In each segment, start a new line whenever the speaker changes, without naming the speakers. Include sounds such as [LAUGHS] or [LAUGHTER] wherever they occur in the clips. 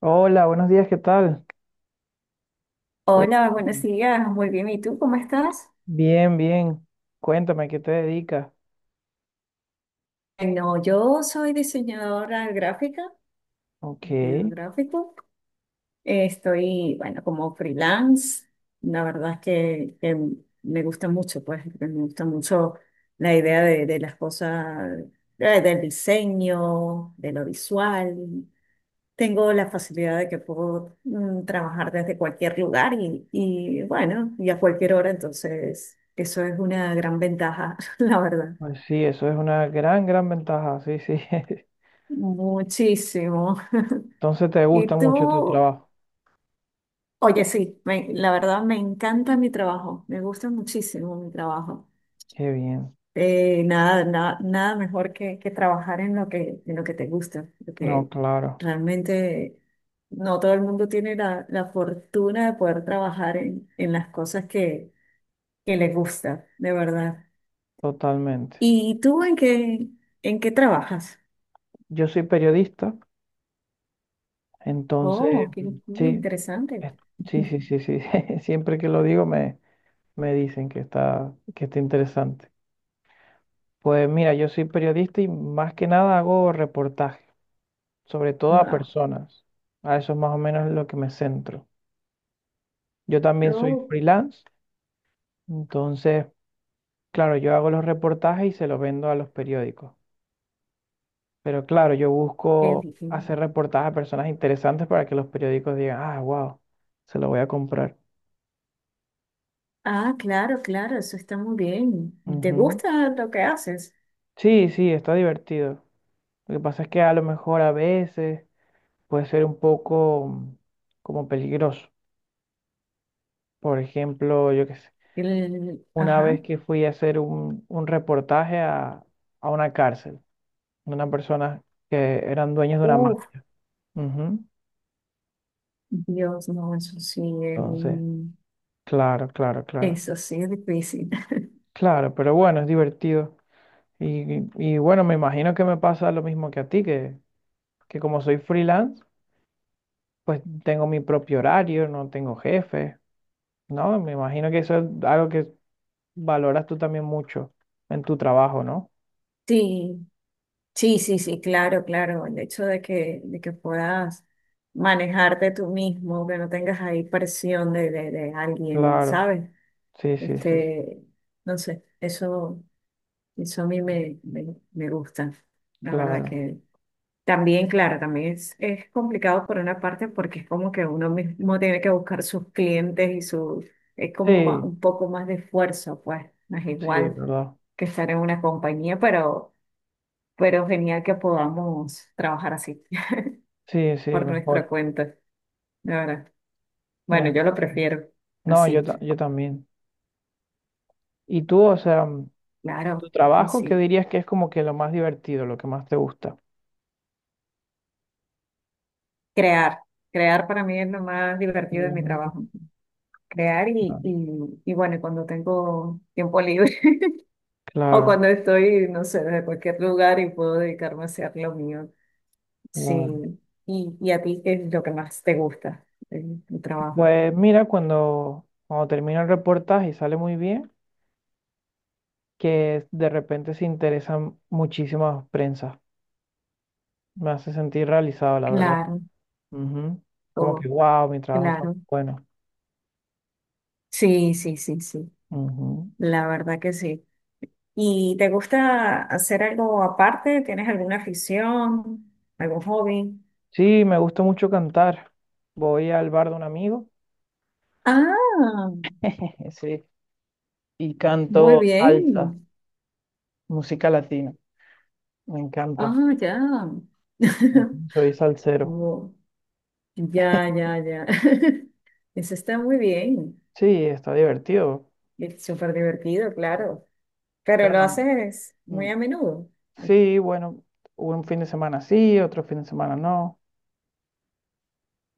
Hola, buenos días, ¿qué tal?
Hola, buenos
Cuéntame.
días, muy bien. ¿Y tú cómo estás?
Bien, bien. Cuéntame, ¿a ¿qué te dedicas?
No, yo soy diseñadora gráfica,
Ok,
diseñador gráfico. Estoy, bueno, como freelance. La verdad es que me gusta mucho, pues, me gusta mucho la idea de las cosas, del diseño, de lo visual. Tengo la facilidad de que puedo trabajar desde cualquier lugar y, bueno, y a cualquier hora, entonces eso es una gran ventaja, [LAUGHS] la verdad.
pues sí, eso es una gran, gran ventaja, sí, sí. [LAUGHS]
Muchísimo.
Entonces te gusta
Y
mucho tu
tú,
trabajo.
oye, sí, la verdad me encanta mi trabajo, me gusta muchísimo mi trabajo.
Qué bien.
Nada mejor que trabajar en lo que te gusta,
No,
porque
claro,
realmente no todo el mundo tiene la fortuna de poder trabajar en las cosas que le gusta, de verdad.
totalmente.
¿Y tú en qué trabajas?
Yo soy periodista, entonces,
Oh, qué, qué
sí,
interesante.
es- sí, sí, sí, sí. [LAUGHS] Siempre que lo digo me dicen que está interesante. Pues mira, yo soy periodista y más que nada hago reportajes sobre todo a
No,
personas. A eso es más o menos lo que me centro. Yo también soy
no,
freelance, entonces, claro, yo hago los reportajes y se los vendo a los periódicos. Pero claro, yo
qué
busco
difícil.
hacer reportajes a personas interesantes para que los periódicos digan, ah, wow, se lo voy a comprar.
Ah, claro, claro, eso está muy bien. ¿Te
Ujú.
gusta lo que haces?
Sí, sí, está divertido. Lo que pasa es que a lo mejor a veces puede ser un poco como peligroso. Por ejemplo, yo qué sé. Una
Ajá.
vez que fui a hacer un reportaje a una cárcel, de unas personas que eran dueños de una
Uf,
mafia. Ujú.
Dios, no,
Entonces, claro, claro, claro.
eso sí es difícil. [LAUGHS]
Claro, pero bueno, es divertido. Y bueno, me imagino que me pasa lo mismo que a ti, que como soy freelance, pues tengo mi propio horario, no tengo jefe, ¿no? Me imagino que eso es algo que valoras tú también mucho en tu trabajo, ¿no?
Sí, sí, sí, sí, claro, claro. El hecho de que puedas manejarte tú mismo, que no tengas ahí presión de alguien,
Claro,
¿sabes?
sí, sí, sí, sí,
Este, no sé, eso a mí me gusta. La verdad
claro.
también, claro, también es complicado por una parte porque es como que uno mismo tiene que buscar sus clientes y su, es como
Sí,
un poco más de esfuerzo, pues no es
sí,
igual
¿verdad?
que estar en una compañía, pero genial que podamos trabajar así
Sí,
[LAUGHS]
sí,
por nuestra
mejor.
cuenta, de verdad. Bueno,
me-
yo lo prefiero
No, yo,
así,
yo también. ¿Y tú, o sea, tu
claro,
trabajo, qué
así.
dirías que es como que lo más divertido, lo que más te gusta?
Crear, crear para mí es lo más divertido de mi
Mm,
trabajo, crear y bueno, y cuando tengo tiempo libre. O
Claro,
cuando estoy, no sé, de cualquier lugar y puedo dedicarme a hacer lo mío. Sí.
claro.
Y a ti, ¿qué es lo que más te gusta del tu trabajo?
Pues mira, cuando, cuando termina el reportaje y sale muy bien, que de repente se interesan muchísimas prensas. Me hace sentir realizado, la verdad.
Claro,
Ujú. Como que,
oh,
wow, mi trabajo fue muy
claro.
bueno.
Sí, sí, sí, sí.
Ujú.
La verdad que sí. ¿Y te gusta hacer algo aparte? ¿Tienes alguna afición? ¿Algún hobby?
Sí, me gusta mucho cantar. Voy al bar de un amigo.
Ah,
[LAUGHS] Sí y
muy
canto salsa,
bien.
música latina. Me encanta.
Ah, ya.
Ujú.
[LAUGHS]
Soy salsero.
Oh, ya, ya, ya. [LAUGHS] Eso está muy bien.
Sí, está divertido.
Es súper divertido, claro. Pero
Claro,
lo
no.
haces
mm,
muy a menudo.
Sí, bueno, un fin de semana sí, otro fin de semana no.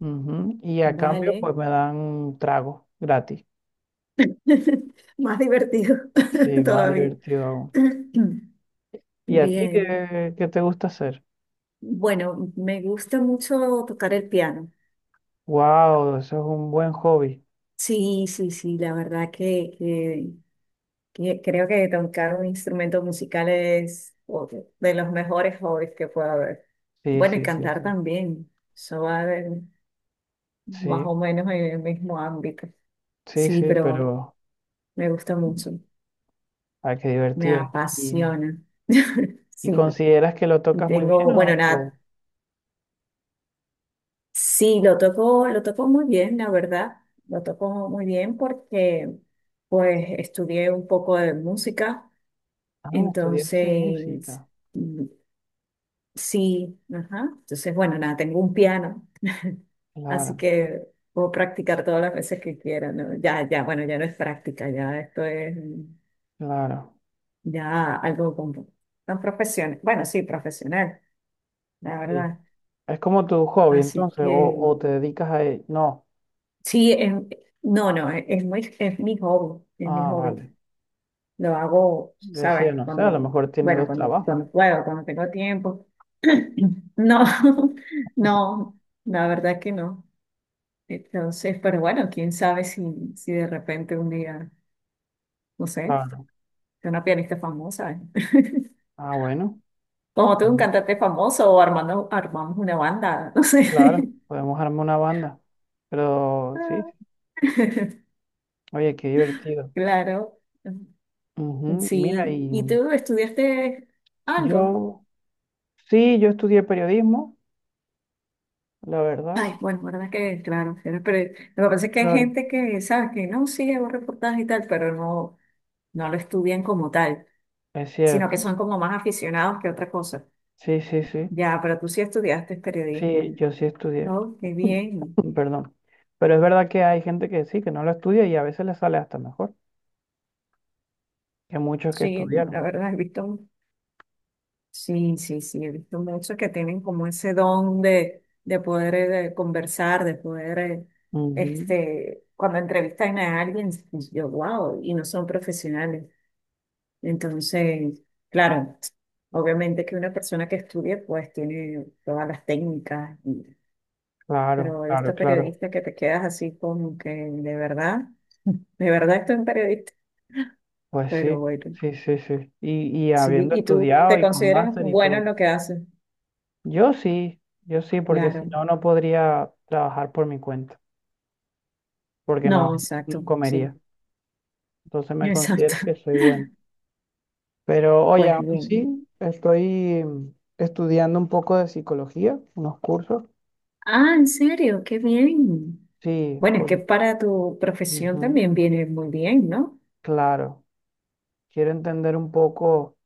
Ujú, y a cambio,
Vale.
pues me dan trago gratis.
[LAUGHS] Más divertido
Sí,
[LAUGHS]
más
todavía.
divertido aún.
[CLEARS THROAT]
¿Y a ti
Bien.
qué, qué te gusta hacer?
Bueno, me gusta mucho tocar el piano.
Wow, eso es un buen hobby.
Sí, sí, sí, la verdad que creo que tocar un instrumento musical es otro de los mejores hobbies que puede haber.
Sí,
Bueno, y
sí, sí,
cantar
sí.
también. Más
Sí,
o menos en el mismo ámbito.
sí,
Sí,
sí,
pero
pero
me gusta mucho.
ay, qué
Me
divertido. ¿Y,
apasiona. [LAUGHS]
y
Sí,
consideras que lo
y
tocas muy
tengo,
bien
bueno,
o?
nada, sí, lo tocó muy bien, la verdad. Lo tocó muy bien porque pues estudié un poco de música,
Ah, estudiaste
entonces
música.
mm, sí, ajá. Entonces, bueno, nada, tengo un piano, así
Claro,
que puedo practicar todas las veces que quiera, ¿no? Ya, ya, bueno, ya no es práctica, ya esto es
claro.
ya algo como tan profesional. Bueno, sí, profesional, la
Sí.
verdad.
Es como tu hobby,
Así
entonces, o
que
te dedicas a él. No.
sí, no, no, es es mi hobby, es mi
Ah,
hobby.
vale.
Lo hago,
Yo decía,
¿sabes?
no sé, a lo
Cuando,
mejor tiene
bueno,
dos
cuando,
trabajos.
cuando puedo, cuando tengo tiempo. [CLEARS THROAT] No, [LAUGHS] no, la verdad que no. Entonces, pero bueno, quién sabe si, si de repente un día, no sé,
Claro.
soy una pianista famosa, ¿eh? [LAUGHS]
Ah, bueno.
Como tú, un
Bueno.
cantante famoso o armamos una banda, no sé.
Claro, podemos armar una banda. Pero sí, sí.
[LAUGHS]
Oye, qué divertido.
Claro,
Ujú. Mira,
sí. ¿Y
y
tú estudiaste algo?
yo, sí, yo estudié periodismo, la verdad.
Ay, bueno, verdad que, claro, pero lo que pasa es que hay
Claro.
gente que, ¿sabes? Que no, sí, hago reportajes y tal, pero no, no lo estudian como tal,
Es
sino
cierto.
que son como más aficionados que otra cosa.
Sí, sí, sí.
Ya, pero tú sí estudiaste periodismo,
Sí, yo sí estudié,
¿no? Qué bien.
[LAUGHS] perdón. Pero es verdad que hay gente que sí, que no lo estudia y a veces le sale hasta mejor que muchos que
Sí, la
estudiaron.
verdad, he visto, sí, sí, sí, he visto muchos que tienen como ese don de poder de conversar, de poder,
Ujú.
cuando entrevistan a alguien, yo, wow, y no son profesionales. Entonces, claro, obviamente que una persona que estudia pues tiene todas las técnicas, y
Claro,
pero he
claro,
visto
claro.
periodistas que te quedas así como que de verdad estoy un periodista,
Pues
pero
sí,
bueno,
sí, sí, sí. Y
sí,
habiendo
y tú
estudiado
te
y con
consideras
máster y
bueno
todo.
en lo que haces,
Yo sí, yo sí, porque si
claro.
no, no podría trabajar por mi cuenta, porque
No,
no, no
exacto, sí,
comería. Entonces
[LAUGHS]
me
exacto.
considero que soy bueno. Pero oye,
Pues
aún
bien.
sí, estoy estudiando un poco de psicología, unos cursos.
Ah, ¿en serio? Qué bien.
Sí,
Bueno, es
por,
que para tu profesión
ujú,
también viene muy bien, ¿no?
claro. Quiero entender un poco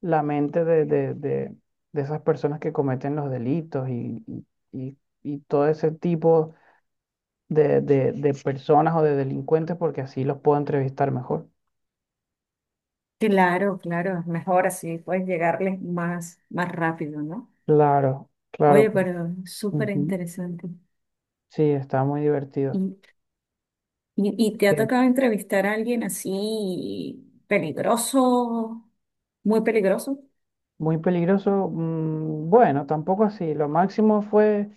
la mente de de esas personas que cometen los delitos y y todo ese tipo de de- personas o de delincuentes, porque así los puedo entrevistar mejor.
Claro, claro, es mejor así, puedes llegarles más, más rápido, ¿no?
Claro, claro.
Oye,
Pues,
pero súper
ujú.
interesante.
Sí, está muy
¿Y,
divertido.
y te ha
Eh,
tocado entrevistar a alguien así peligroso, muy peligroso?
Muy peligroso. Bueno, tampoco así. Lo máximo fue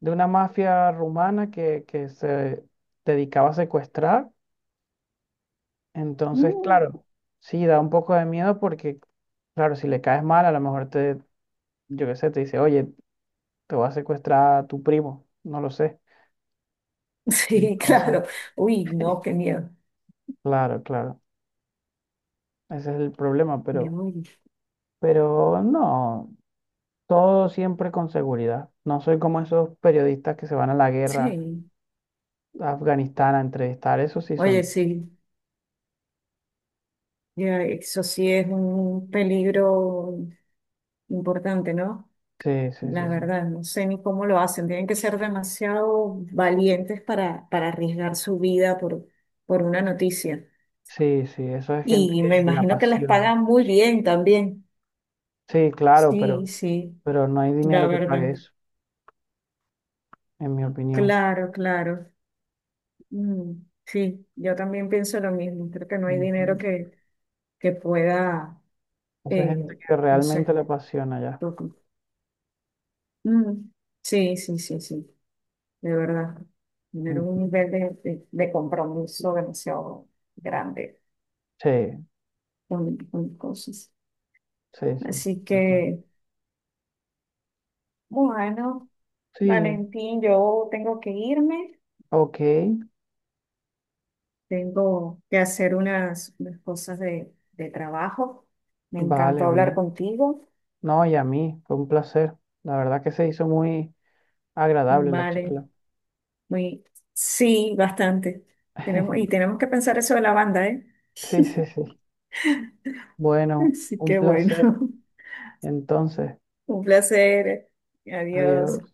de una mafia rumana que se dedicaba a secuestrar. Entonces,
Mm,
claro, sí, da un poco de miedo porque, claro, si le caes mal, a lo mejor yo qué sé, te dice, oye, te va a secuestrar tu primo, no lo sé.
[LAUGHS] sí,
Entonces,
claro. Uy, no, qué miedo.
claro, claro, ese es el problema,
Y, uy,
pero no, todo siempre con seguridad. No soy como esos periodistas que se van a la guerra
sí,
a Afganistán a entrevistar, eso sí son.
oye, sí, ya, eso sí es un peligro importante, ¿no?
Sí, sí,
La
sí, sí.
verdad, no sé ni cómo lo hacen. Tienen que ser demasiado valientes para arriesgar su vida por una noticia.
Sí, sí, eso es gente
Y me
que le
imagino que les
apasiona.
pagan muy bien también.
Sí, claro,
Sí, sí,
pero no hay
la
dinero que pague
verdad.
eso, en mi opinión.
Claro, claro. Mm, sí, yo también pienso lo mismo. Creo que no hay dinero
Ujú.
que pueda,
Eso es
eh,
gente que
no
realmente
sé.
le apasiona ya.
lo- Mm, sí, sí, sí, sí, de verdad. Tener
Mm.
un nivel de compromiso demasiado grande.
Sí,
Un montón de cosas.
sí, sí. Sí,
Así
total.
que, bueno,
Sí,
Valentín, yo tengo que irme,
ok,
tengo que hacer unas, unas cosas de trabajo. Me encantó
vale,
hablar
bien.
contigo.
No, y a mí, fue un placer. La verdad que se hizo muy agradable la
Vale,
charla.
muy, sí, bastante. Tenemos, y
[LAUGHS]
tenemos que pensar eso de la banda, ¿eh?
Sí, sí, sí.
[LAUGHS]
Bueno,
Así
un
que bueno,
placer.
[LAUGHS]
Entonces,
un placer. Adiós.
adiós.